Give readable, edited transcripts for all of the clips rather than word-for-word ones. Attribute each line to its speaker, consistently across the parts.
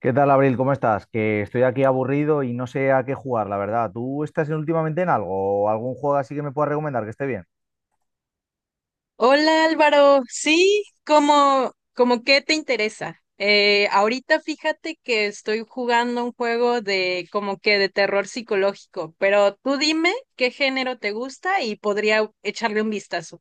Speaker 1: ¿Qué tal, Abril? ¿Cómo estás? Que estoy aquí aburrido y no sé a qué jugar, la verdad. ¿Tú estás últimamente en algo? ¿O ¿Algún juego así que me puedas recomendar que esté bien?
Speaker 2: Hola Álvaro, sí, ¿cómo qué te interesa? Ahorita fíjate que estoy jugando un juego de como que de terror psicológico, pero tú dime qué género te gusta y podría echarle un vistazo.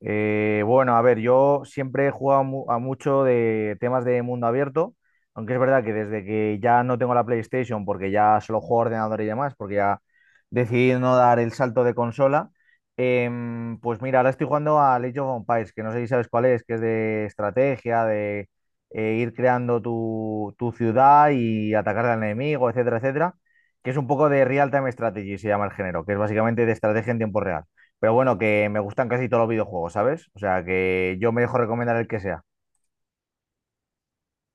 Speaker 1: Bueno, a ver, yo siempre he jugado a mucho de temas de mundo abierto, aunque es verdad que desde que ya no tengo la PlayStation, porque ya solo juego a ordenador y demás, porque ya decidí no dar el salto de consola. Pues mira, ahora estoy jugando a Age of Empires, que no sé si sabes cuál es, que es de estrategia, de ir creando tu ciudad y atacar al enemigo, etcétera, etcétera, que es un poco de real-time strategy, se llama el género, que es básicamente de estrategia en tiempo real. Pero bueno, que me gustan casi todos los videojuegos, ¿sabes? O sea, que yo me dejo recomendar el que sea.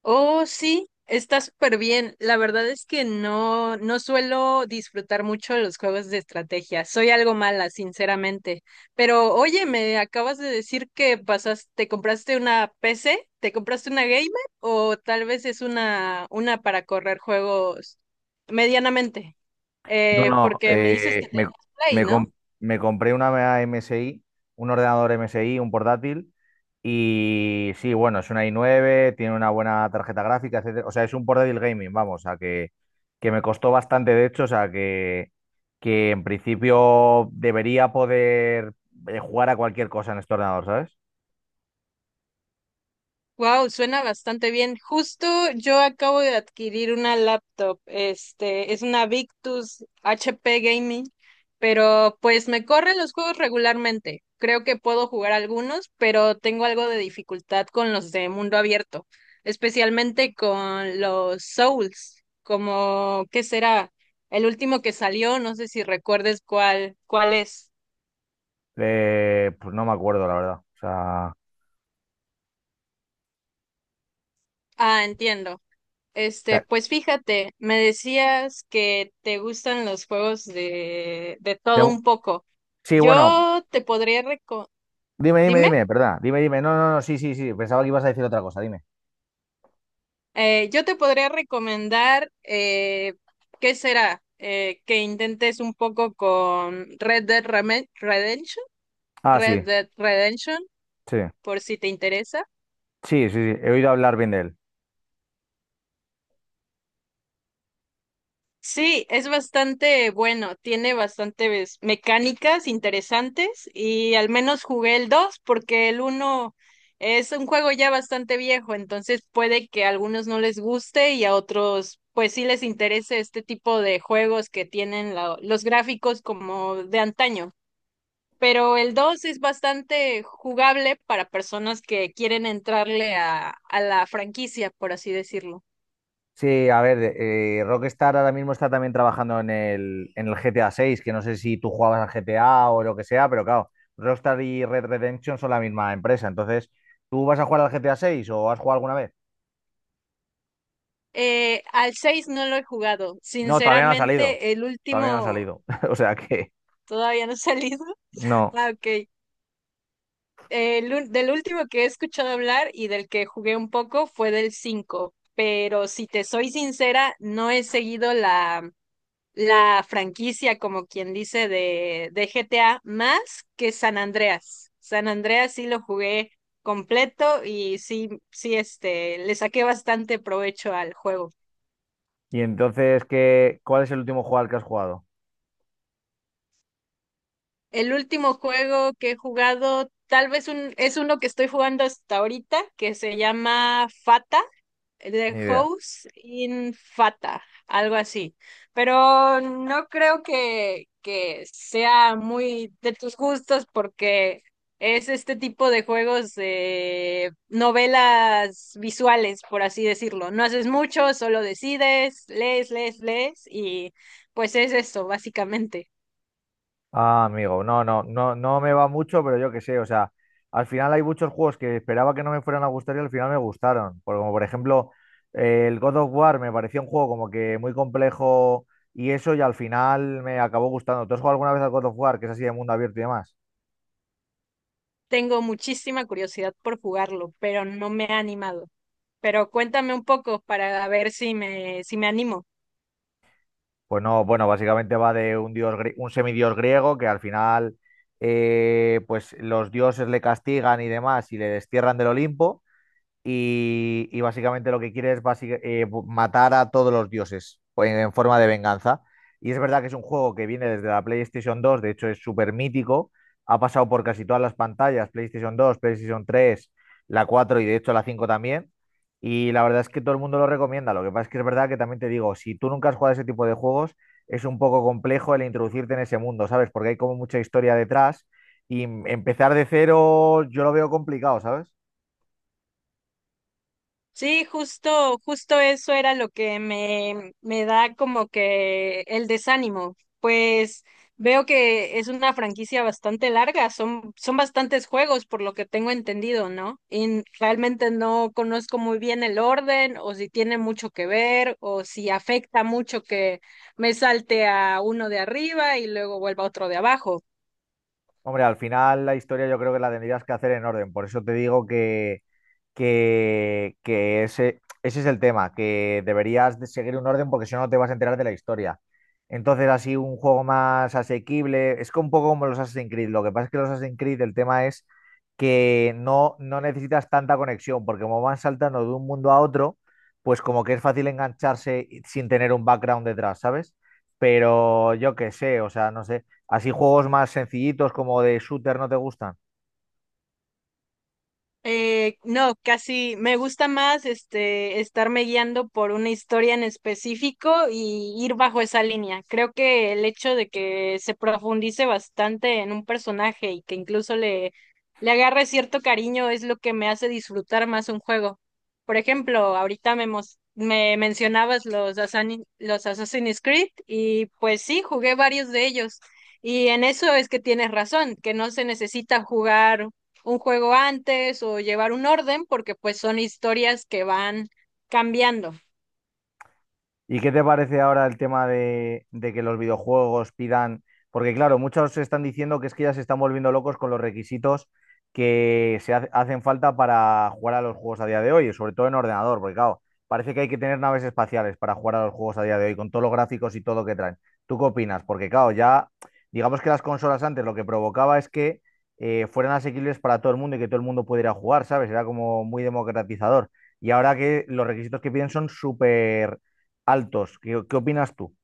Speaker 2: Oh, sí, está súper bien. La verdad es que no, no suelo disfrutar mucho los juegos de estrategia. Soy algo mala, sinceramente. Pero oye, me acabas de decir que pasaste, te compraste una PC, te compraste una gamer o tal vez es una para correr juegos medianamente.
Speaker 1: No, no,
Speaker 2: Porque me dices que tenías Play,
Speaker 1: me
Speaker 2: ¿no?
Speaker 1: com- me compré una MSI, un ordenador MSI, un portátil, y sí, bueno, es una i9, tiene una buena tarjeta gráfica, etcétera. O sea, es un portátil gaming, vamos, o sea, que me costó bastante, de hecho. O sea, que en principio debería poder jugar a cualquier cosa en este ordenador, ¿sabes?
Speaker 2: Wow, suena bastante bien. Justo yo acabo de adquirir una laptop. Este, es una Victus HP Gaming, pero pues me corren los juegos regularmente. Creo que puedo jugar algunos, pero tengo algo de dificultad con los de mundo abierto, especialmente con los Souls, como ¿qué será? El último que salió, no sé si recuerdes cuál es.
Speaker 1: Pues no me acuerdo, la verdad. O sea,
Speaker 2: Ah, entiendo. Este, pues fíjate, me decías que te gustan los juegos de
Speaker 1: de,
Speaker 2: todo un poco.
Speaker 1: sí, bueno,
Speaker 2: Yo te podría reco-
Speaker 1: dime, dime,
Speaker 2: dime,
Speaker 1: dime, ¿verdad? Dime. No, no, no, sí, sí, sí. Pensaba que ibas a decir otra cosa, dime.
Speaker 2: yo te podría recomendar, ¿qué será? Que intentes un poco con Red Dead Redemption.
Speaker 1: Ah,
Speaker 2: Red
Speaker 1: sí,
Speaker 2: Dead Redemption,
Speaker 1: sí.
Speaker 2: por si te interesa.
Speaker 1: Sí, sí, sí. He oído hablar bien de él.
Speaker 2: Sí, es bastante bueno, tiene bastantes mecánicas interesantes y al menos jugué el 2 porque el uno es un juego ya bastante viejo, entonces puede que a algunos no les guste y a otros pues sí les interese este tipo de juegos que tienen los gráficos como de antaño. Pero el 2 es bastante jugable para personas que quieren entrarle a la franquicia, por así decirlo.
Speaker 1: Sí, a ver, Rockstar ahora mismo está también trabajando en el GTA 6, que no sé si tú jugabas al GTA o lo que sea, pero claro, Rockstar y Red Redemption son la misma empresa. Entonces, ¿tú vas a jugar al GTA 6 o has jugado alguna vez?
Speaker 2: Al 6 no lo he jugado.
Speaker 1: No, todavía no ha salido.
Speaker 2: Sinceramente, el
Speaker 1: Todavía no ha
Speaker 2: último
Speaker 1: salido. O sea que
Speaker 2: todavía no ha salido.
Speaker 1: no.
Speaker 2: Ah, ok. Del último que he escuchado hablar y del que jugué un poco fue del 5. Pero si te soy sincera, no he seguido la franquicia, como quien dice, de GTA más que San Andreas. San Andreas sí lo jugué completo y sí, sí, este, le saqué bastante provecho al juego.
Speaker 1: Y entonces, ¿qué, cuál es el último juego al que has jugado?
Speaker 2: El último juego que he jugado, es uno que estoy jugando hasta ahorita, que se llama Fata, The
Speaker 1: Ni idea.
Speaker 2: House in Fata, algo así. Pero no creo que sea muy de tus gustos porque es este tipo de juegos de novelas visuales, por así decirlo. No haces mucho, solo decides, lees, lees, lees y pues es eso, básicamente.
Speaker 1: Ah, amigo, no, no, no, no me va mucho, pero yo qué sé. O sea, al final hay muchos juegos que esperaba que no me fueran a gustar y al final me gustaron. Como por ejemplo, el God of War me parecía un juego como que muy complejo y eso, y al final me acabó gustando. ¿Tú has jugado alguna vez al God of War, que es así de mundo abierto y demás?
Speaker 2: Tengo muchísima curiosidad por jugarlo, pero no me he animado. Pero cuéntame un poco para ver si me animo.
Speaker 1: Pues no, bueno, básicamente va de un un semidios griego que al final, pues los dioses le castigan y demás y le destierran del Olimpo y básicamente lo que quiere es matar a todos los dioses pues, en forma de venganza. Y es verdad que es un juego que viene desde la PlayStation 2, de hecho es súper mítico, ha pasado por casi todas las pantallas, PlayStation 2, PlayStation 3, la 4 y de hecho la 5 también. Y la verdad es que todo el mundo lo recomienda. Lo que pasa es que es verdad que también te digo, si tú nunca has jugado a ese tipo de juegos, es un poco complejo el introducirte en ese mundo, ¿sabes? Porque hay como mucha historia detrás y empezar de cero yo lo veo complicado, ¿sabes?
Speaker 2: Sí, justo, justo eso era lo que me da como que el desánimo. Pues veo que es una franquicia bastante larga, son bastantes juegos por lo que tengo entendido, ¿no? Y realmente no conozco muy bien el orden o si tiene mucho que ver o si afecta mucho que me salte a uno de arriba y luego vuelva a otro de abajo.
Speaker 1: Hombre, al final la historia yo creo que la tendrías que hacer en orden. Por eso te digo que ese es el tema, que deberías de seguir un orden porque si no no te vas a enterar de la historia. Entonces, así un juego más asequible, es que un poco como los Assassin's Creed. Lo que pasa es que los Assassin's Creed el tema es que no, no necesitas tanta conexión, porque como van saltando de un mundo a otro, pues como que es fácil engancharse sin tener un background detrás, ¿sabes? Pero yo qué sé, o sea, no sé. ¿Así juegos más sencillitos como de shooter no te gustan?
Speaker 2: No, casi me gusta más este estarme guiando por una historia en específico y ir bajo esa línea. Creo que el hecho de que se profundice bastante en un personaje y que incluso le agarre cierto cariño es lo que me hace disfrutar más un juego. Por ejemplo, ahorita me mencionabas los Assassin's Creed y pues sí, jugué varios de ellos. Y en eso es que tienes razón, que no se necesita jugar un juego antes o llevar un orden, porque pues son historias que van cambiando.
Speaker 1: ¿Y qué te parece ahora el tema de que los videojuegos pidan? Porque claro, muchos están diciendo que es que ya se están volviendo locos con los requisitos que hacen falta para jugar a los juegos a día de hoy, sobre todo en ordenador, porque claro, parece que hay que tener naves espaciales para jugar a los juegos a día de hoy, con todos los gráficos y todo lo que traen. ¿Tú qué opinas? Porque claro, ya digamos que las consolas antes lo que provocaba es que fueran asequibles para todo el mundo y que todo el mundo pudiera jugar, ¿sabes? Era como muy democratizador. Y ahora que los requisitos que piden son súper altos. ¿Qué, qué opinas tú?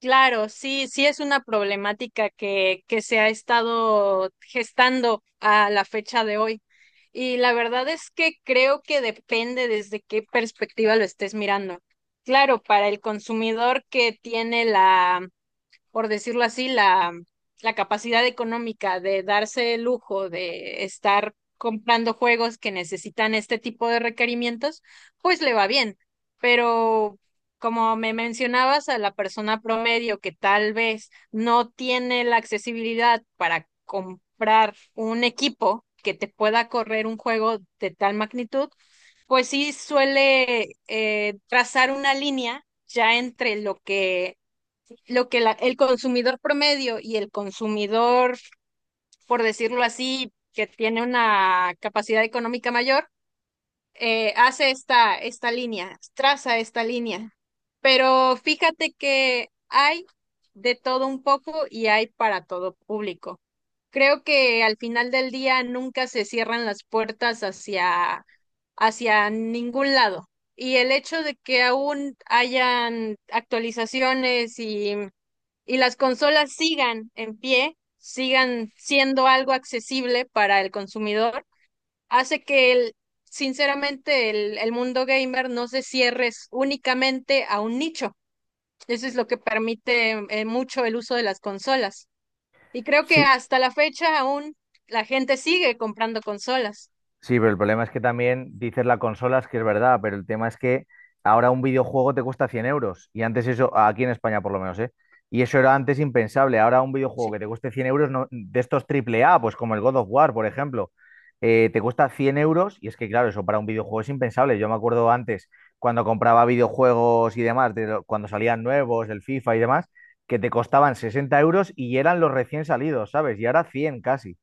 Speaker 2: Claro, sí, sí es una problemática que se ha estado gestando a la fecha de hoy. Y la verdad es que creo que depende desde qué perspectiva lo estés mirando. Claro, para el consumidor que tiene la, por decirlo así, la capacidad económica de darse el lujo de estar comprando juegos que necesitan este tipo de requerimientos, pues le va bien. Pero como me mencionabas, a la persona promedio que tal vez no tiene la accesibilidad para comprar un equipo que te pueda correr un juego de tal magnitud, pues sí suele trazar una línea ya entre lo que el consumidor promedio y el consumidor, por decirlo así, que tiene una capacidad económica mayor, hace esta línea, traza esta línea. Pero fíjate que hay de todo un poco y hay para todo público. Creo que al final del día nunca se cierran las puertas hacia ningún lado. Y el hecho de que aún hayan actualizaciones y las consolas sigan en pie, sigan siendo algo accesible para el consumidor, hace que el, sinceramente, el mundo gamer no se cierre únicamente a un nicho. Eso es lo que permite mucho el uso de las consolas. Y creo que
Speaker 1: Sí,
Speaker 2: hasta la fecha aún la gente sigue comprando consolas.
Speaker 1: sí, pero el problema es que también dices la consola, es que es verdad, pero el tema es que ahora un videojuego te cuesta 100 euros. Y antes eso, aquí en España por lo menos, ¿eh? Y eso era antes impensable. Ahora un videojuego
Speaker 2: Sí.
Speaker 1: que te cueste 100 euros, de estos triple A, pues como el God of War, por ejemplo, te cuesta 100 euros. Y es que, claro, eso para un videojuego es impensable. Yo me acuerdo antes, cuando compraba videojuegos y demás, cuando salían nuevos, el FIFA y demás, que te costaban 60 € y eran los recién salidos, ¿sabes? Y ahora 100 casi.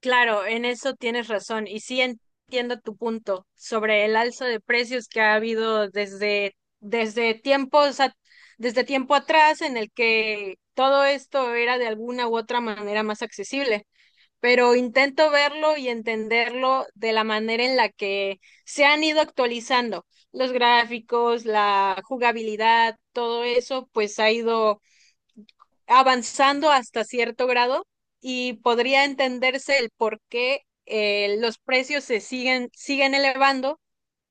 Speaker 2: Claro, en eso tienes razón y sí entiendo tu punto sobre el alza de precios que ha habido desde tiempos a- desde tiempo atrás en el que todo esto era de alguna u otra manera más accesible, pero intento verlo y entenderlo de la manera en la que se han ido actualizando los gráficos, la jugabilidad, todo eso pues ha ido avanzando hasta cierto grado y podría entenderse el por qué los precios se siguen elevando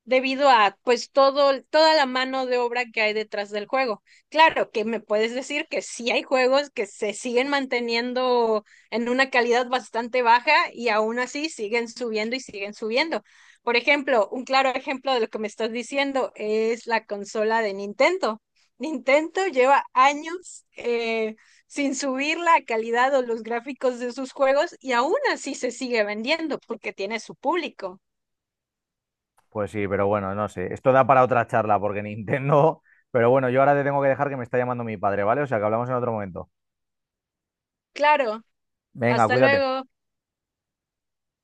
Speaker 2: debido a pues todo, toda la mano de obra que hay detrás del juego. Claro que me puedes decir que sí hay juegos que se siguen manteniendo en una calidad bastante baja y aún así siguen subiendo y siguen subiendo. Por ejemplo, un claro ejemplo de lo que me estás diciendo es la consola de Nintendo. Nintendo lleva años sin subir la calidad o los gráficos de sus juegos y aún así se sigue vendiendo porque tiene su público.
Speaker 1: Pues sí, pero bueno, no sé. Esto da para otra charla porque Nintendo... Pero bueno, yo ahora te tengo que dejar que me está llamando mi padre, ¿vale? O sea que hablamos en otro momento.
Speaker 2: Claro,
Speaker 1: Venga,
Speaker 2: hasta
Speaker 1: cuídate.
Speaker 2: luego.